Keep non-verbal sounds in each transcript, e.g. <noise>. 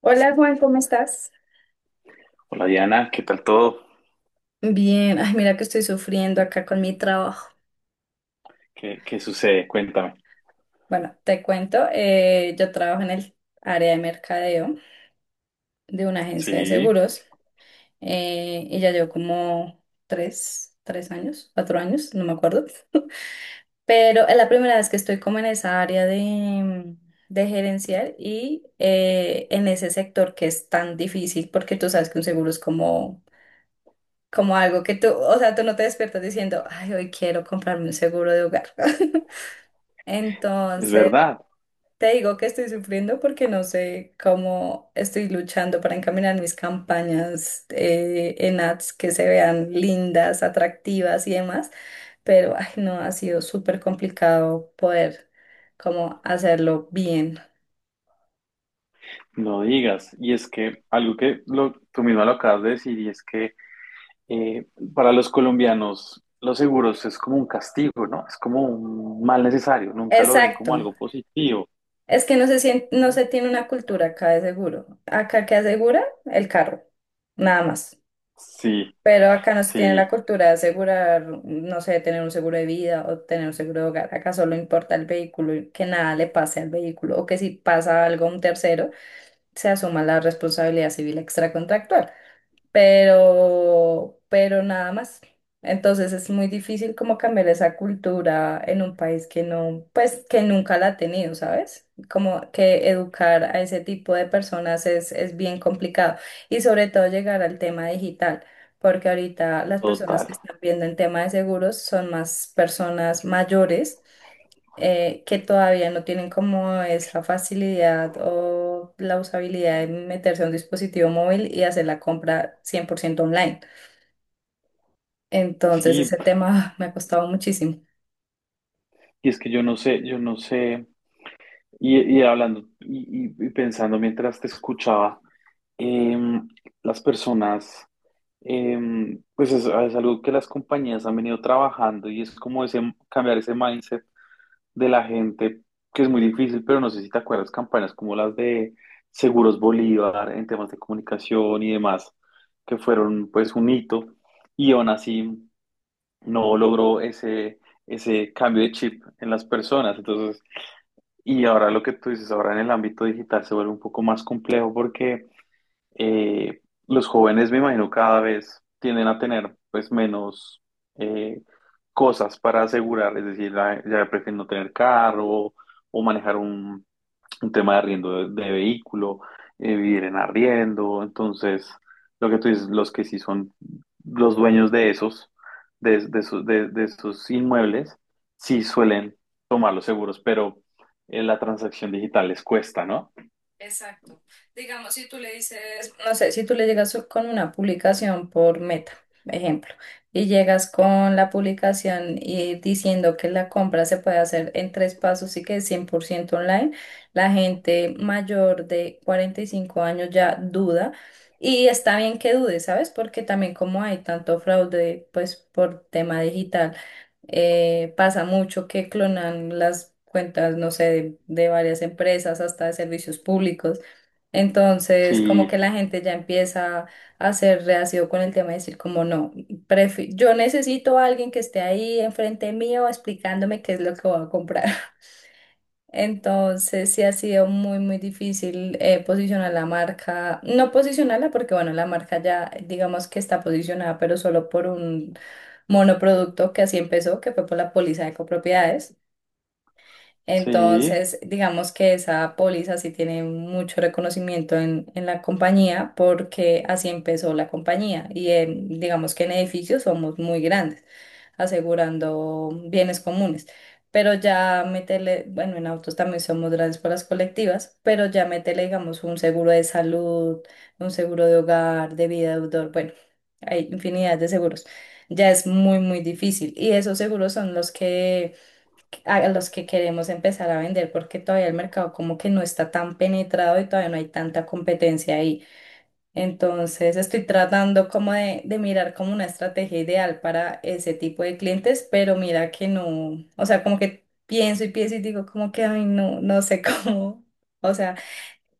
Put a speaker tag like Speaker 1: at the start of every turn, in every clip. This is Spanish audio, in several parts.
Speaker 1: Hola Juan, ¿cómo estás?
Speaker 2: Hola Diana, ¿qué tal todo?
Speaker 1: Bien, ay, mira que estoy sufriendo acá con mi trabajo.
Speaker 2: ¿Qué sucede? Cuéntame.
Speaker 1: Bueno, te cuento, yo trabajo en el área de mercadeo de una agencia de
Speaker 2: Sí,
Speaker 1: seguros y ya llevo como tres años, 4 años, no me acuerdo. Pero es la primera vez que estoy como en esa área de gerencial y en ese sector que es tan difícil porque tú sabes que un seguro es como algo que tú, o sea, tú no te despiertas diciendo, ay, hoy quiero comprarme un seguro de hogar. <laughs>
Speaker 2: es
Speaker 1: Entonces,
Speaker 2: verdad,
Speaker 1: te digo que estoy sufriendo porque no sé cómo estoy luchando para encaminar mis campañas en ads que se vean lindas, atractivas y demás, pero ay, no, ha sido súper complicado poder como hacerlo bien.
Speaker 2: no digas. Y es que algo que tú misma lo acabas de decir, y es que eh, para los colombianos los seguros es como un castigo, ¿no? Es como un mal necesario, nunca lo ven como
Speaker 1: Exacto.
Speaker 2: algo positivo,
Speaker 1: Es que no se no
Speaker 2: ¿no?
Speaker 1: se tiene una cultura acá de seguro. Acá que asegura el carro, nada más.
Speaker 2: Sí,
Speaker 1: Pero acá no se tiene
Speaker 2: sí,
Speaker 1: la cultura de asegurar, no sé, tener un seguro de vida o tener un seguro de hogar. Acá solo importa el vehículo y que nada le pase al vehículo o que si pasa algo a un tercero, se asuma la responsabilidad civil extracontractual pero nada más. Entonces es muy difícil como cambiar esa cultura en un país que no, pues que nunca la ha tenido, ¿sabes? Como que educar a ese tipo de personas es bien complicado y sobre todo llegar al tema digital, porque ahorita las personas
Speaker 2: total.
Speaker 1: que están viendo el tema de seguros son más personas mayores que todavía no tienen como esa facilidad o la usabilidad de meterse a un dispositivo móvil y hacer la compra 100% online. Entonces
Speaker 2: Sí,
Speaker 1: ese tema <laughs> me ha costado muchísimo.
Speaker 2: y es que yo no sé, y hablando y pensando mientras te escuchaba. em, las personas... pues es algo que las compañías han venido trabajando y es como ese, cambiar ese mindset de la gente, que es muy difícil, pero no sé si te acuerdas campañas como las de Seguros Bolívar en temas de comunicación y demás, que fueron pues un hito y aún así no logró ese cambio de chip en las personas. Entonces, y ahora lo que tú dices, ahora en el ámbito digital se vuelve un poco más complejo porque eh, los jóvenes, me imagino, cada vez tienden a tener pues menos eh, cosas para asegurar. Es decir, ya prefieren no tener carro o manejar un tema de arriendo de vehículo, vivir en arriendo. Entonces, lo que tú dices, los que sí son los dueños de esos inmuebles, sí suelen tomar los seguros, pero la transacción digital les cuesta, ¿no?
Speaker 1: Exacto. Digamos, si tú le dices, no sé, si tú le llegas con una publicación por Meta, ejemplo, y llegas con la publicación y diciendo que la compra se puede hacer en tres pasos y que es 100% online, la gente mayor de 45 años ya duda. Y está bien que dude, ¿sabes? Porque también como hay tanto fraude, pues por tema digital pasa mucho que clonan las cuentas, no sé, de, varias empresas, hasta de servicios públicos. Entonces, como
Speaker 2: Sí,
Speaker 1: que la gente ya empieza a ser reacio con el tema de decir, como no, yo necesito a alguien que esté ahí enfrente mío explicándome qué es lo que voy a comprar. Entonces sí ha sido muy, muy difícil posicionar la marca, no posicionarla porque bueno, la marca ya digamos que está posicionada, pero solo por un monoproducto que así empezó, que fue por la póliza de copropiedades.
Speaker 2: sí,
Speaker 1: Entonces, digamos que esa póliza sí tiene mucho reconocimiento en la compañía porque así empezó la compañía y digamos que en edificios somos muy grandes, asegurando bienes comunes. Pero ya meterle, bueno, en autos también somos grandes por las colectivas, pero ya meterle, digamos, un seguro de salud, un seguro de hogar, de vida de deudor, bueno, hay infinidad de seguros. Ya es muy, muy difícil. Y esos seguros son los que a los que queremos empezar a vender porque todavía el mercado como que no está tan penetrado y todavía no hay tanta competencia ahí. Entonces estoy tratando como de, mirar como una estrategia ideal para ese tipo de clientes, pero mira que no, o sea, como que pienso y pienso y digo como que, ay, no, no sé <laughs> cómo, o sea.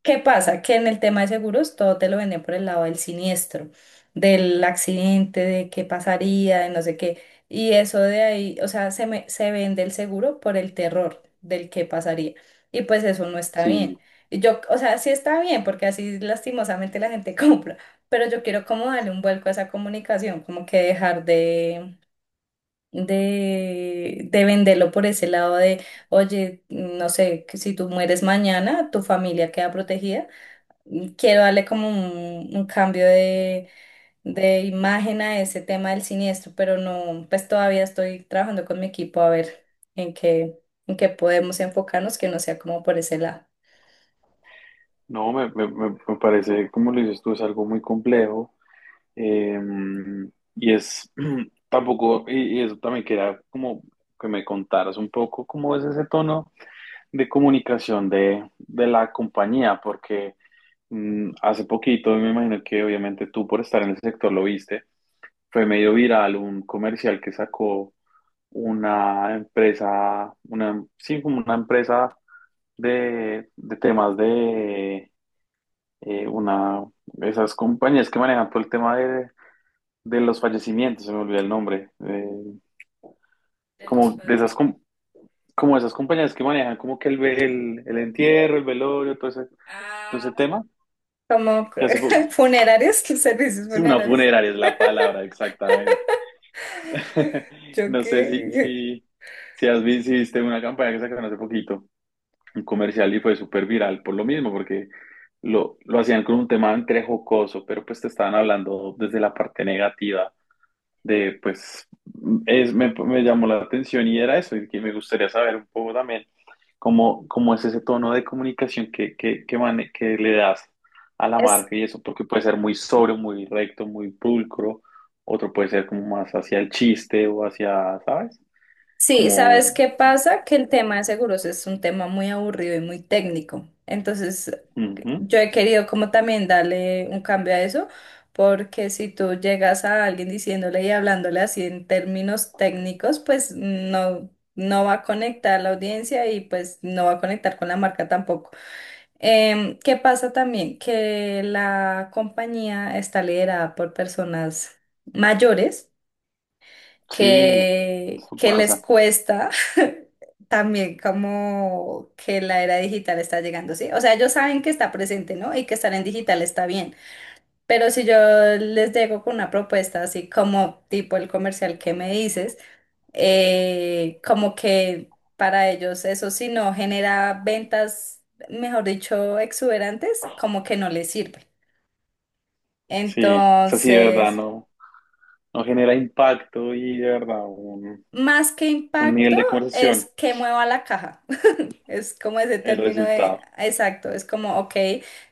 Speaker 1: ¿Qué pasa? Que en el tema de seguros todo te lo venden por el lado del siniestro, del accidente, de qué pasaría, de no sé qué. Y eso de ahí, o sea, se vende el seguro por el terror del qué pasaría. Y pues eso no está bien.
Speaker 2: sí.
Speaker 1: Y yo, o sea, sí está bien, porque así lastimosamente la gente <laughs> compra, pero yo quiero como darle un vuelco a esa comunicación, como que dejar de venderlo por ese lado de, oye, no sé, que si tú mueres mañana, tu familia queda protegida. Quiero darle como un cambio de imagen a ese tema del siniestro, pero no, pues todavía estoy trabajando con mi equipo a ver en qué, en qué podemos enfocarnos, que no sea como por ese lado.
Speaker 2: No, me parece, como lo dices tú, es algo muy complejo. em, y es <clears throat> tampoco, y eso también quería como que me contaras un poco cómo es ese tono de comunicación de la compañía, porque hace poquito, me imagino que obviamente tú por estar en el sector lo viste, fue medio viral un comercial que sacó una empresa, sí, como una empresa de temas de eh, una, esas compañías que manejan todo el tema de los fallecimientos. Se me olvidó el nombre. eh,
Speaker 1: De los
Speaker 2: como de
Speaker 1: pues,
Speaker 2: esas, com- como esas compañías que manejan como que el entierro, el velorio, todo ese
Speaker 1: ah.
Speaker 2: tema.
Speaker 1: Como
Speaker 2: que hace po-
Speaker 1: <laughs> funerarios, que servicios
Speaker 2: sí, una
Speaker 1: funerarios.
Speaker 2: funeraria es la palabra, exactamente. <laughs>
Speaker 1: Yo
Speaker 2: No sé si,
Speaker 1: que...
Speaker 2: si, si has visto, si viste una campaña que sacaron hace poquito, un comercial y fue súper viral por lo mismo, porque lo hacían con un tema entre jocoso, pero pues te estaban hablando desde la parte negativa de pues me llamó la atención y era eso, y que me gustaría saber un poco también cómo es ese tono de comunicación que le das a la
Speaker 1: Es,
Speaker 2: marca y eso, porque puede ser muy sobrio, muy recto, muy pulcro, otro puede ser como más hacia el chiste o hacia, ¿sabes?
Speaker 1: sí,
Speaker 2: Como,
Speaker 1: ¿sabes qué pasa? Que el tema de seguros es un tema muy aburrido y muy técnico. Entonces,
Speaker 2: Ujú,
Speaker 1: yo he querido como también darle un cambio a eso, porque si tú llegas a alguien diciéndole y hablándole así en términos técnicos, pues no, no va a conectar la audiencia y pues no va a conectar con la marca tampoco. ¿Qué pasa también? Que la compañía está liderada por personas mayores
Speaker 2: sí,
Speaker 1: que,
Speaker 2: eso
Speaker 1: que les
Speaker 2: pasa,
Speaker 1: cuesta <laughs> también como que la era digital está llegando, ¿sí? O sea, ellos saben que está presente, ¿no? Y que estar en digital está bien. Pero si yo les llego con una propuesta así como tipo el comercial que me dices, como que para ellos eso si no genera ventas, mejor dicho, exuberantes, como que no les sirve.
Speaker 2: sí, o sea, sí, de verdad,
Speaker 1: Entonces,
Speaker 2: no, no genera impacto y de verdad un,
Speaker 1: más que
Speaker 2: un nivel
Speaker 1: impacto
Speaker 2: de
Speaker 1: es
Speaker 2: conversación,
Speaker 1: que mueva la caja. Sí, es como ese
Speaker 2: el
Speaker 1: término de,
Speaker 2: resultado
Speaker 1: exacto, es como, ok,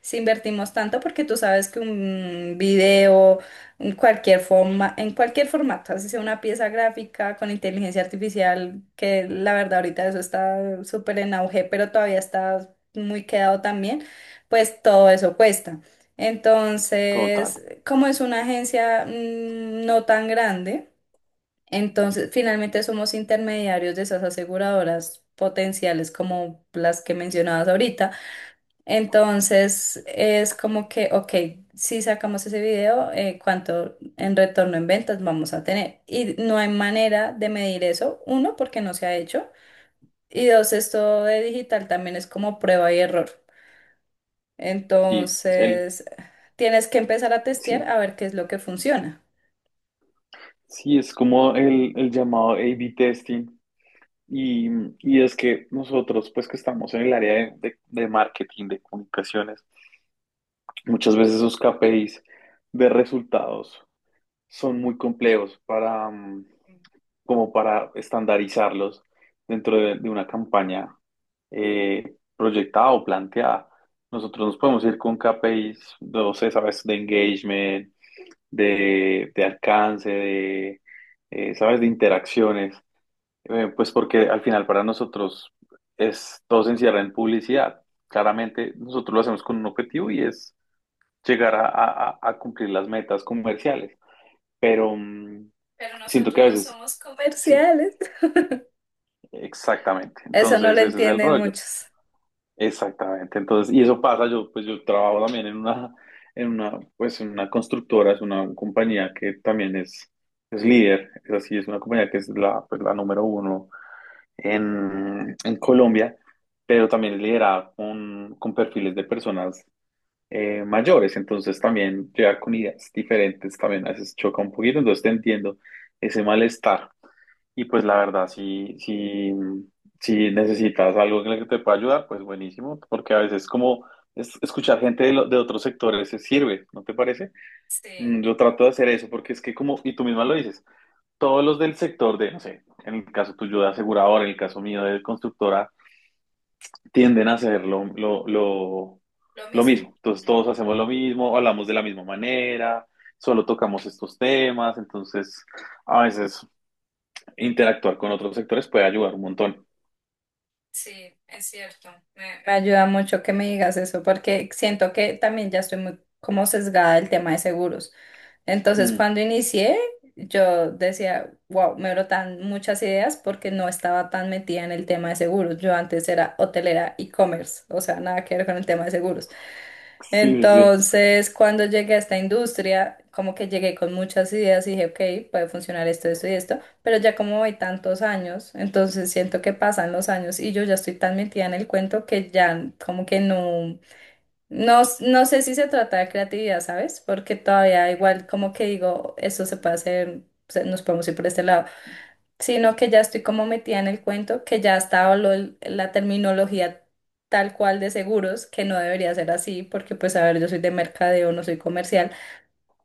Speaker 1: si invertimos tanto, porque tú sabes que un video, en cualquier forma, en cualquier formato, así sea una pieza gráfica con inteligencia artificial, que la verdad ahorita eso está súper en auge, pero todavía está muy quedado también, pues todo eso cuesta.
Speaker 2: total.
Speaker 1: Entonces, como es una agencia no tan grande, entonces, finalmente somos intermediarios de esas aseguradoras potenciales como las que mencionabas ahorita. Entonces, es como que, ok, si sacamos ese video, ¿cuánto en retorno en ventas vamos a tener? Y no hay manera de medir eso, uno, porque no se ha hecho, y dos, esto de digital también es como prueba y error.
Speaker 2: Sí,
Speaker 1: Entonces, tienes que empezar a testear
Speaker 2: sí,
Speaker 1: a ver qué es lo que funciona.
Speaker 2: sí, es como el llamado A/B testing. Y, y es que nosotros, pues que estamos en el área de marketing, de comunicaciones, muchas veces esos KPIs de resultados son muy complejos para, como para estandarizarlos dentro de una campaña proyectada o planteada. Nosotros nos podemos ir con KPIs, no sé, sabes, de engagement, de alcance, ¿sabes?, de interacciones. Pues porque al final para nosotros todo se encierra en publicidad. Claramente nosotros lo hacemos con un objetivo y es llegar a cumplir las metas comerciales, pero
Speaker 1: Pero
Speaker 2: siento que
Speaker 1: nosotros
Speaker 2: a
Speaker 1: no
Speaker 2: veces,
Speaker 1: somos
Speaker 2: sí,
Speaker 1: comerciales.
Speaker 2: exactamente.
Speaker 1: Eso no lo
Speaker 2: Entonces ese es el
Speaker 1: entienden
Speaker 2: rollo.
Speaker 1: muchos.
Speaker 2: Exactamente, entonces, y eso pasa, yo trabajo también en una constructora. Es una compañía que también es líder, es así, es una compañía que es la número uno en Colombia, pero también es liderada con perfiles de personas mayores. Entonces también llegar con ideas diferentes también a veces choca un poquito. Entonces te entiendo ese malestar. Y pues la verdad, si necesitas algo en el que te pueda ayudar, pues buenísimo, porque a veces escuchar gente de otros sectores se sirve, ¿no te parece?
Speaker 1: Sí,
Speaker 2: Yo trato de hacer eso porque es que como, y tú misma lo dices, todos los del sector de, no sé, en el caso tuyo de asegurador, en el caso mío de constructora, tienden a hacer lo, lo, lo,
Speaker 1: lo
Speaker 2: lo
Speaker 1: mismo.
Speaker 2: mismo. Entonces todos
Speaker 1: Ujú.
Speaker 2: hacemos lo mismo, hablamos de la misma manera, solo tocamos estos temas, entonces a veces interactuar con otros sectores puede ayudar un montón.
Speaker 1: Sí, es cierto. Me ayuda mucho que me digas eso porque siento que también ya estoy muy como sesgada del tema de seguros. Entonces,
Speaker 2: Mm,
Speaker 1: cuando inicié, yo decía, wow, me brotan muchas ideas porque no estaba tan metida en el tema de seguros. Yo antes era hotelera e-commerce, o sea, nada que ver con el tema de seguros.
Speaker 2: sí, sí, sí.
Speaker 1: Entonces, cuando llegué a esta industria, como que llegué con muchas ideas y dije, ok, puede funcionar esto, esto y esto, pero ya como hay tantos años, entonces siento que pasan los años y yo ya estoy tan metida en el cuento que ya como que no, no, no sé si se trata de creatividad, ¿sabes? Porque todavía igual como que digo, esto se puede hacer, nos podemos ir por este lado, sino que ya estoy como metida en el cuento, que ya estaba la terminología tal cual de seguros, que no debería ser así, porque pues a ver, yo soy de mercadeo, no soy comercial,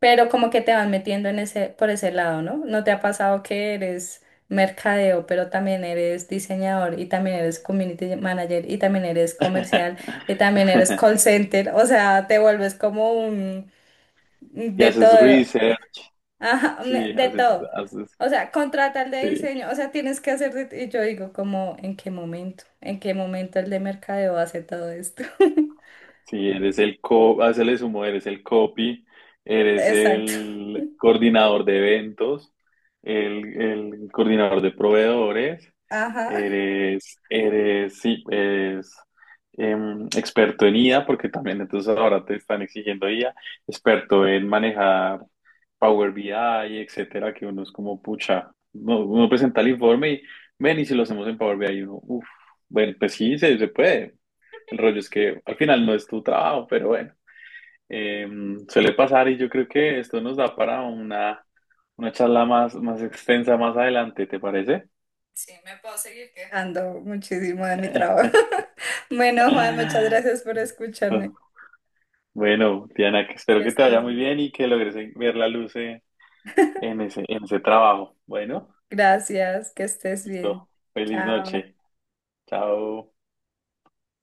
Speaker 1: pero como que te van metiendo en ese, por ese lado, ¿no? ¿No te ha pasado que eres mercadeo, pero también eres diseñador y también eres community manager y también eres comercial y también eres call
Speaker 2: <laughs>
Speaker 1: center? O sea, te vuelves como un
Speaker 2: Y
Speaker 1: de
Speaker 2: haces
Speaker 1: todo,
Speaker 2: research,
Speaker 1: ajá,
Speaker 2: sí,
Speaker 1: de
Speaker 2: haces,
Speaker 1: todo.
Speaker 2: haces,
Speaker 1: O sea, contratar de
Speaker 2: sí,
Speaker 1: diseño, o sea, tienes que hacer, y yo digo como, ¿en qué momento? ¿En qué momento el de mercadeo hace todo esto? <laughs>
Speaker 2: sí, eres haces el sumo, eres el copy, eres
Speaker 1: Exacto.
Speaker 2: el coordinador de eventos, el coordinador de proveedores,
Speaker 1: Ajá.
Speaker 2: eres, sí, experto en IA, porque también entonces ahora te están exigiendo IA, experto en manejar Power BI, etcétera, que uno es como, pucha, uno presenta el informe y, ven, y si lo hacemos en Power BI, y uno, uff, bueno, pues sí, se puede. El rollo es que al final no es tu trabajo, pero bueno, eh, suele pasar y yo creo que esto nos da para una charla más extensa más adelante, ¿te parece?
Speaker 1: Sí, me puedo seguir quejando muchísimo de mi trabajo. <laughs> Bueno, Juan, muchas gracias
Speaker 2: <laughs>
Speaker 1: por escucharme.
Speaker 2: Bueno, Diana, que espero
Speaker 1: Que
Speaker 2: que te vaya
Speaker 1: estés
Speaker 2: muy
Speaker 1: bien.
Speaker 2: bien y que logres ver la luz
Speaker 1: <laughs>
Speaker 2: en ese trabajo. Bueno,
Speaker 1: Gracias, que estés
Speaker 2: listo.
Speaker 1: bien.
Speaker 2: Feliz
Speaker 1: Chao.
Speaker 2: noche. Chao.